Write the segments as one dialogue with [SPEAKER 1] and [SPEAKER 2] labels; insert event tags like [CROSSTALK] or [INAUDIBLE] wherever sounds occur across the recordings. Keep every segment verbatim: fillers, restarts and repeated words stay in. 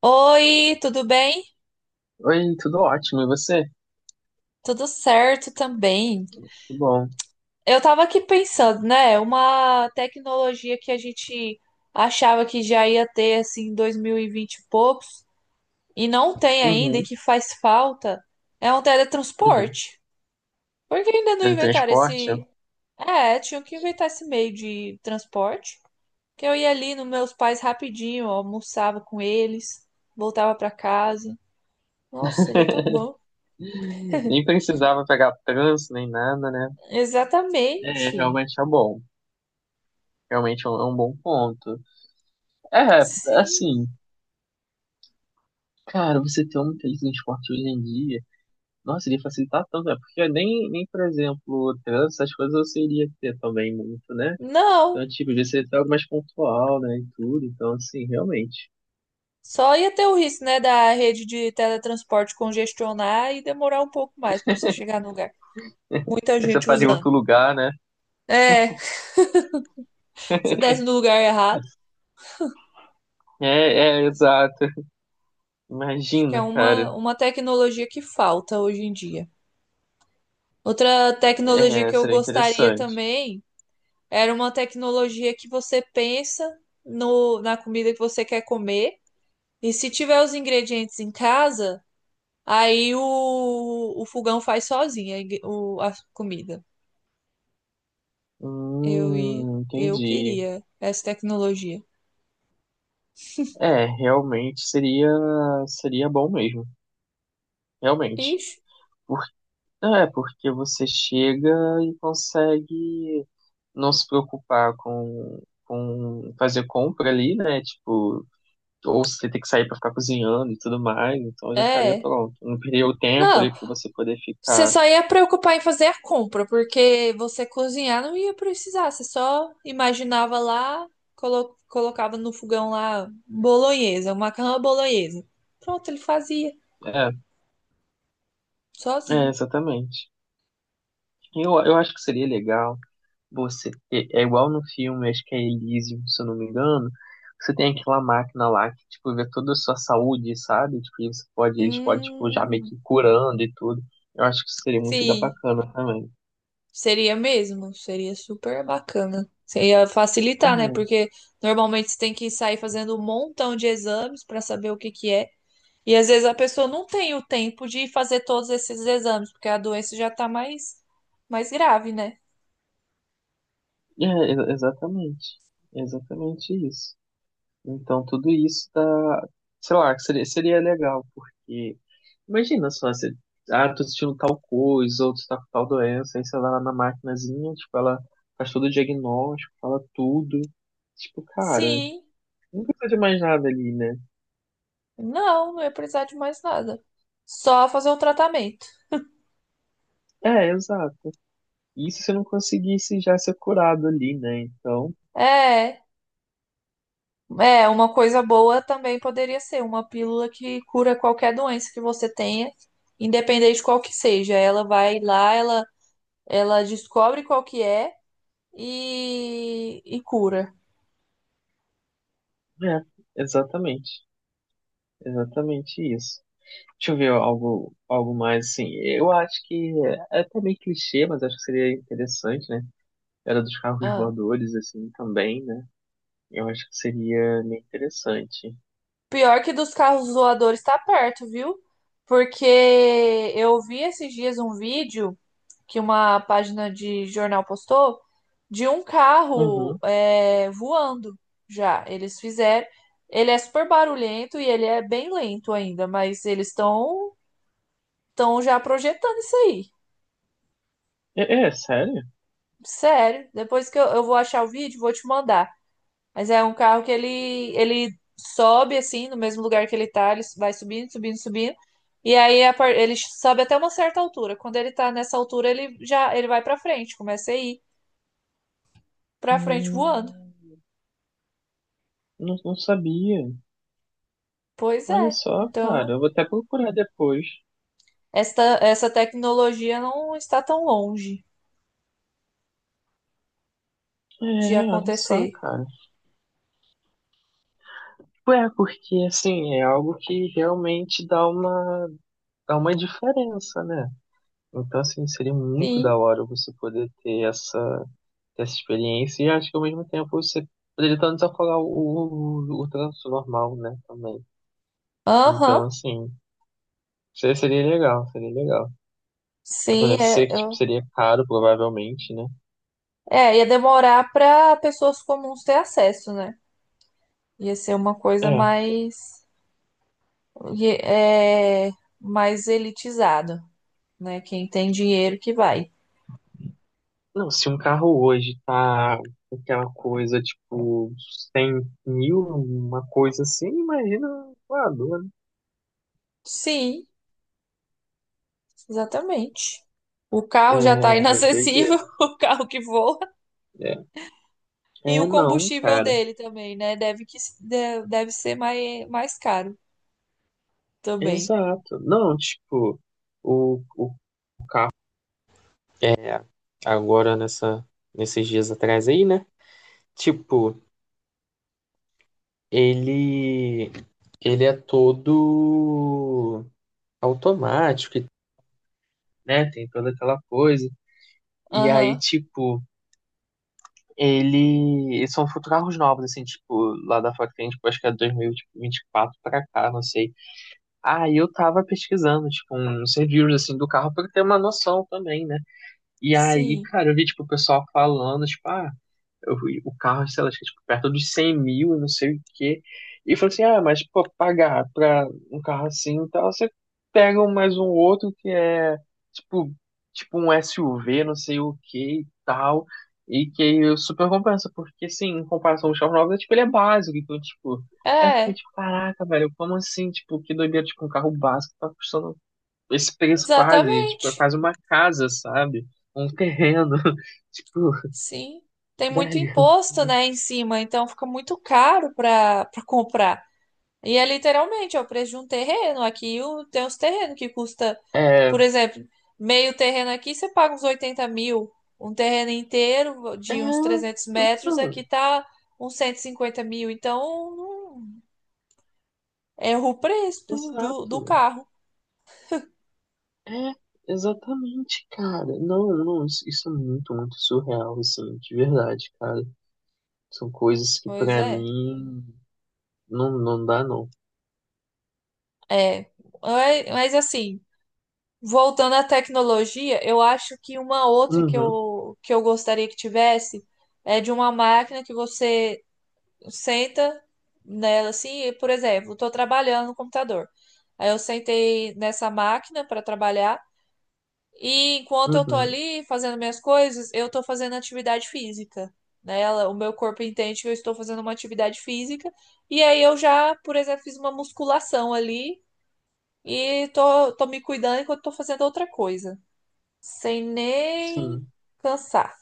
[SPEAKER 1] Oi, tudo bem?
[SPEAKER 2] Oi, tudo ótimo, e você?
[SPEAKER 1] Tudo certo também.
[SPEAKER 2] Tudo bom?
[SPEAKER 1] Eu tava aqui pensando, né? Uma tecnologia que a gente achava que já ia ter assim em dois mil e vinte e vinte e poucos e não tem ainda e
[SPEAKER 2] Uhum,
[SPEAKER 1] que faz falta é um
[SPEAKER 2] uhum.
[SPEAKER 1] teletransporte. Por que ainda não inventaram
[SPEAKER 2] Teletransporte?
[SPEAKER 1] esse? É, tinham que inventar esse meio de transporte. Que eu ia ali nos meus pais rapidinho, almoçava com eles, voltava pra casa. Nossa, seria tão
[SPEAKER 2] [LAUGHS]
[SPEAKER 1] bom.
[SPEAKER 2] Nem precisava pegar trânsito, nem nada, né? É,
[SPEAKER 1] Exatamente.
[SPEAKER 2] realmente é bom. Realmente é um, é um bom ponto. É,
[SPEAKER 1] Sim.
[SPEAKER 2] assim, cara, você ter um teletransporte hoje em dia, nossa, iria facilitar tanto, né? Porque nem, nem, por exemplo, o trânsito, essas coisas você iria ter também muito, né? Então,
[SPEAKER 1] Não,
[SPEAKER 2] tipo, ia ser algo mais pontual, né, e tudo. Então, assim, realmente.
[SPEAKER 1] só ia ter o risco, né, da rede de teletransporte congestionar e demorar um pouco mais para você chegar no lugar. Muita
[SPEAKER 2] Aí você
[SPEAKER 1] gente
[SPEAKER 2] para em
[SPEAKER 1] usando.
[SPEAKER 2] outro lugar, né?
[SPEAKER 1] É, [LAUGHS] você desce no lugar errado.
[SPEAKER 2] É, é, exato.
[SPEAKER 1] Acho que é
[SPEAKER 2] Imagina, cara.
[SPEAKER 1] uma, uma tecnologia que falta hoje em dia. Outra tecnologia
[SPEAKER 2] É,
[SPEAKER 1] que eu
[SPEAKER 2] seria
[SPEAKER 1] gostaria
[SPEAKER 2] interessante.
[SPEAKER 1] também era uma tecnologia que você pensa no, na comida que você quer comer. E se tiver os ingredientes em casa, aí o, o fogão faz sozinho a, ingre- o- a comida. Eu, i-
[SPEAKER 2] Hum,
[SPEAKER 1] eu
[SPEAKER 2] entendi.
[SPEAKER 1] queria essa tecnologia.
[SPEAKER 2] É, realmente seria seria bom mesmo, realmente.
[SPEAKER 1] Ixi,
[SPEAKER 2] Por, é, porque você chega e consegue não se preocupar com, com fazer compra ali, né? Tipo, ou você ter que sair para ficar cozinhando e tudo mais, então já estaria
[SPEAKER 1] é.
[SPEAKER 2] pronto. Não perderia o tempo
[SPEAKER 1] Não,
[SPEAKER 2] ali para você poder
[SPEAKER 1] você
[SPEAKER 2] ficar.
[SPEAKER 1] só ia preocupar em fazer a compra, porque você cozinhar não ia precisar. Você só imaginava lá, colo- colocava no fogão lá bolonhesa, um macarrão à bolonhesa. Pronto, ele fazia,
[SPEAKER 2] É, é,
[SPEAKER 1] sozinho.
[SPEAKER 2] exatamente. Eu, eu acho que seria legal. Você é é igual no filme, acho que é Elysium, se eu não me engano. Você tem aquela máquina lá que tipo vê toda a sua saúde, sabe? Tipo, e você pode, eles podem tipo já meio
[SPEAKER 1] Hum,
[SPEAKER 2] que ir curando e tudo. Eu acho que isso seria muito da
[SPEAKER 1] sim,
[SPEAKER 2] bacana também.
[SPEAKER 1] seria mesmo. Seria super bacana. Seria
[SPEAKER 2] É,
[SPEAKER 1] facilitar, né? Porque normalmente você tem que sair fazendo um montão de exames para saber o que que é. E às vezes a pessoa não tem o tempo de fazer todos esses exames, porque a doença já tá mais, mais grave, né?
[SPEAKER 2] é, ex- exatamente. Exatamente isso. Então, tudo isso tá, sei lá, seria, seria legal, porque imagina só, você, ah, tô sentindo tal coisa, ou tu tá com tal doença, aí você vai lá na maquinazinha, tipo, ela faz todo o diagnóstico, fala tudo. Tipo, cara,
[SPEAKER 1] Sim,
[SPEAKER 2] não precisa de mais nada ali, né?
[SPEAKER 1] não, não ia precisar de mais nada. Só fazer um tratamento.
[SPEAKER 2] É, exato. Isso se não conseguisse já ser curado ali, né? Então,
[SPEAKER 1] É, é, uma coisa boa também poderia ser uma pílula que cura qualquer doença que você tenha, independente de qual que seja. Ela vai lá, ela, ela descobre qual que é e, e cura.
[SPEAKER 2] é, exatamente. Exatamente isso. Deixa eu ver algo, algo mais assim. Eu acho que é é até meio clichê, mas acho que seria interessante, né? Era dos carros
[SPEAKER 1] Ah.
[SPEAKER 2] voadores, assim, também, né? Eu acho que seria meio interessante.
[SPEAKER 1] Pior que dos carros voadores tá perto, viu? Porque eu vi esses dias um vídeo que uma página de jornal postou de um carro
[SPEAKER 2] Uhum.
[SPEAKER 1] é, voando já. Eles fizeram. Ele é super barulhento e ele é bem lento ainda, mas eles estão estão já projetando isso aí.
[SPEAKER 2] É, é, sério?
[SPEAKER 1] Sério. Depois que eu, eu vou achar o vídeo, vou te mandar. Mas é um carro que ele, ele sobe assim, no mesmo lugar que ele tá, ele vai subindo, subindo, subindo. E aí a par- ele sobe até uma certa altura. Quando ele tá nessa altura, ele já ele vai pra frente, começa a ir pra frente voando.
[SPEAKER 2] Hum, não, não sabia.
[SPEAKER 1] Pois
[SPEAKER 2] Olha
[SPEAKER 1] é.
[SPEAKER 2] só, cara.
[SPEAKER 1] Então,
[SPEAKER 2] Eu vou até procurar depois.
[SPEAKER 1] esta, essa tecnologia não está tão longe
[SPEAKER 2] É,
[SPEAKER 1] de
[SPEAKER 2] olha só,
[SPEAKER 1] acontecer.
[SPEAKER 2] cara. Tipo, é, porque assim, é algo que realmente dá uma, dá uma diferença, né? Então, assim, seria muito da
[SPEAKER 1] Sim.
[SPEAKER 2] hora você poder ter essa, ter essa experiência e acho que ao mesmo tempo você poderia tanto desafogar o, o, o trânsito normal, né? Também.
[SPEAKER 1] Aham.
[SPEAKER 2] Então, assim, se- seria legal, seria legal. Mas, mano,
[SPEAKER 1] Sim,
[SPEAKER 2] eu
[SPEAKER 1] é,
[SPEAKER 2] sei que, tipo,
[SPEAKER 1] eu-
[SPEAKER 2] seria caro, provavelmente, né?
[SPEAKER 1] é, ia demorar para pessoas comuns ter acesso, né? Ia ser uma coisa
[SPEAKER 2] É.
[SPEAKER 1] mais E É mais elitizado, né? Quem tem dinheiro que vai.
[SPEAKER 2] Não, se um carro hoje tá com aquela coisa, tipo, cem mil, uma coisa assim, imagina um voador, né?
[SPEAKER 1] Sim, exatamente. O
[SPEAKER 2] É,
[SPEAKER 1] carro já tá inacessível,
[SPEAKER 2] doideira.
[SPEAKER 1] [LAUGHS] o carro que voa,
[SPEAKER 2] É,
[SPEAKER 1] e o
[SPEAKER 2] é, não,
[SPEAKER 1] combustível
[SPEAKER 2] cara.
[SPEAKER 1] dele também, né? Deve que de- deve ser mais, mais caro também.
[SPEAKER 2] Exato. Não, tipo, o, o é agora nessa nesses dias atrás aí, né? Tipo, ele ele é todo automático, e, né? Tem toda aquela coisa. E aí,
[SPEAKER 1] Aham.
[SPEAKER 2] tipo, ele. Eles são carros novos, assim, tipo, lá da fora que tem, tipo, acho que é dois mil e vinte e quatro pra cá, não sei. Aí eu tava pesquisando, tipo, uns reviews, assim, do carro pra eu ter uma noção também, né? E aí,
[SPEAKER 1] Sim.
[SPEAKER 2] cara, eu vi, tipo, o pessoal falando, tipo, ah. Eu vi o carro, sei lá, acho que, é, tipo, perto dos cem mil, não sei o quê. E falou assim, ah, mas pô, pagar pra um carro assim, então você pega um- mais um outro que é tipo, tipo um S U V, não sei o que e tal. E que aí super compensa, porque assim, em comparação ao X nove, tipo, ele é básico, então, tipo, aí eu fiquei
[SPEAKER 1] É,
[SPEAKER 2] tipo, caraca, velho, como assim? Tipo, que doideira, tipo, um carro básico tá custando esse preço quase, tipo, é
[SPEAKER 1] exatamente.
[SPEAKER 2] quase uma casa, sabe? Um terreno, [LAUGHS] tipo,
[SPEAKER 1] Sim. Tem muito
[SPEAKER 2] velho.
[SPEAKER 1] imposto, né, em cima, então fica muito caro para para comprar. E é literalmente, é o preço de um terreno. Aqui o- tem uns terrenos que custa,
[SPEAKER 2] É,
[SPEAKER 1] por exemplo, meio terreno aqui você paga uns oitenta mil. Um terreno inteiro
[SPEAKER 2] é,
[SPEAKER 1] de uns trezentos metros aqui
[SPEAKER 2] então,
[SPEAKER 1] tá uns cento e cinquenta mil. Então, não- é o preço do, do, do
[SPEAKER 2] exato.
[SPEAKER 1] carro.
[SPEAKER 2] É, exatamente, cara. Não, não, isso, isso é muito, muito surreal, assim, de verdade, cara. São coisas que
[SPEAKER 1] Pois
[SPEAKER 2] pra
[SPEAKER 1] é.
[SPEAKER 2] mim não, não dá, não.
[SPEAKER 1] É. É, mas assim, voltando à tecnologia, eu acho que uma outra que
[SPEAKER 2] Uhum,
[SPEAKER 1] eu, que eu gostaria que tivesse é de uma máquina que você senta nela assim, e, por exemplo, estou trabalhando no computador. Aí eu sentei nessa máquina para trabalhar e enquanto eu estou
[SPEAKER 2] uhum,
[SPEAKER 1] ali fazendo minhas coisas, eu estou fazendo atividade física. Nela o meu corpo entende que eu estou fazendo uma atividade física e aí eu já, por exemplo, fiz uma musculação ali e tô, tô me cuidando enquanto estou fazendo outra coisa, sem
[SPEAKER 2] sim.
[SPEAKER 1] nem cansar.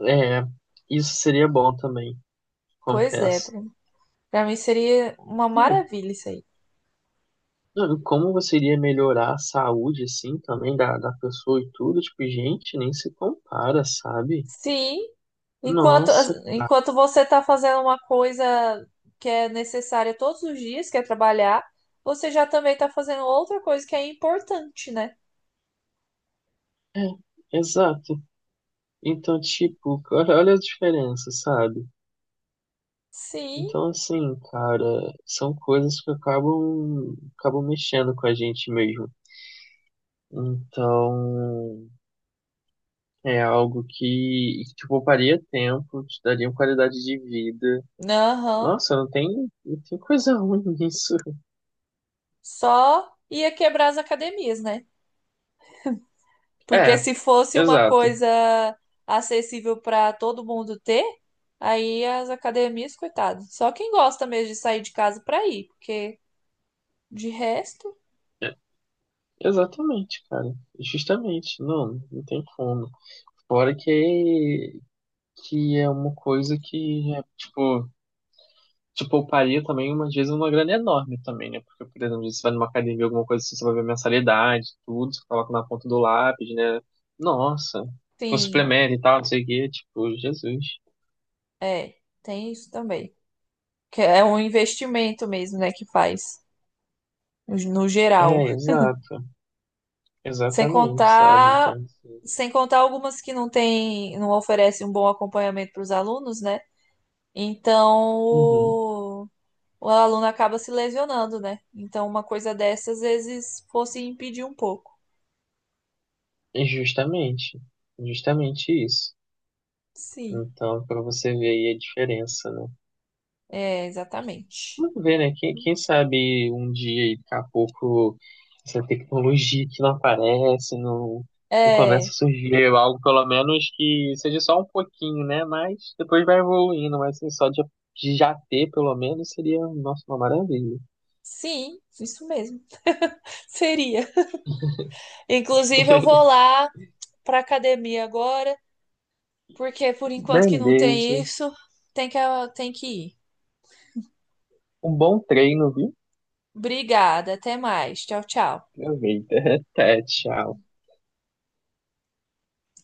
[SPEAKER 2] É, isso seria bom também,
[SPEAKER 1] Pois é,
[SPEAKER 2] confesso.
[SPEAKER 1] Bruno. Pra mim seria uma
[SPEAKER 2] Não,
[SPEAKER 1] maravilha isso aí.
[SPEAKER 2] não, e como você iria melhorar a saúde, assim, também da, da pessoa e tudo, tipo, gente, nem se compara, sabe?
[SPEAKER 1] Sim, enquanto,
[SPEAKER 2] Nossa, cara.
[SPEAKER 1] enquanto você está fazendo uma coisa que é necessária todos os dias, que é trabalhar, você já também está fazendo outra coisa que é importante, né?
[SPEAKER 2] É, exato. Então, tipo, cara, olha a diferença, sabe?
[SPEAKER 1] Sim,
[SPEAKER 2] Então, assim, cara, são coisas que acabam, acabam mexendo com a gente mesmo. Então, é algo que, que te pouparia tempo, te daria uma qualidade de vida.
[SPEAKER 1] aham.
[SPEAKER 2] Nossa, não tem, não tem coisa ruim [LAUGHS] nisso.
[SPEAKER 1] Só ia quebrar as academias, né? Porque
[SPEAKER 2] É,
[SPEAKER 1] se fosse uma
[SPEAKER 2] exato.
[SPEAKER 1] coisa acessível para todo mundo ter, aí as academias, coitado. Só quem gosta mesmo de sair de casa para ir, porque de resto,
[SPEAKER 2] É, exatamente, cara. Justamente. Não, não tem como. Fora que, que é uma coisa que, é, tipo, te pouparia também, umas vezes, uma grana enorme também, né? Porque, por exemplo, você vai numa academia, alguma coisa assim, você vai ver mensalidade, tudo, você coloca na ponta do lápis, né? Nossa, com
[SPEAKER 1] sim,
[SPEAKER 2] suplemento e tal, não sei o quê, tipo, Jesus.
[SPEAKER 1] é, tem isso também. Que é um investimento mesmo, né, que faz no geral.
[SPEAKER 2] É, exato,
[SPEAKER 1] Sem
[SPEAKER 2] exatamente, sabe?
[SPEAKER 1] contar,
[SPEAKER 2] Então, assim,
[SPEAKER 1] sem contar algumas que não tem, não oferecem um bom acompanhamento para os alunos, né? Então
[SPEAKER 2] uhum.
[SPEAKER 1] o, o aluno acaba se lesionando, né? Então uma coisa dessas às vezes fosse impedir um pouco.
[SPEAKER 2] E justamente, justamente isso.
[SPEAKER 1] Sim,
[SPEAKER 2] Então, para você ver aí a diferença, né?
[SPEAKER 1] é exatamente.
[SPEAKER 2] Vamos ver, né? Quem, quem sabe um dia, aí, daqui a pouco, essa tecnologia que não aparece, não, não começa a
[SPEAKER 1] É,
[SPEAKER 2] surgir algo, pelo menos que seja só um pouquinho, né? Mas depois vai evoluindo, mas assim, só de, de já ter, pelo menos, seria, nossa, uma maravilha.
[SPEAKER 1] sim, isso mesmo. [LAUGHS] Seria. Inclusive eu vou lá para academia agora. Porque por enquanto que não tem
[SPEAKER 2] Beleza.
[SPEAKER 1] isso, tem que, tem que ir.
[SPEAKER 2] Um bom treino, viu?
[SPEAKER 1] Obrigada, até mais. Tchau, tchau.
[SPEAKER 2] Aproveita. [LAUGHS] Até, tchau.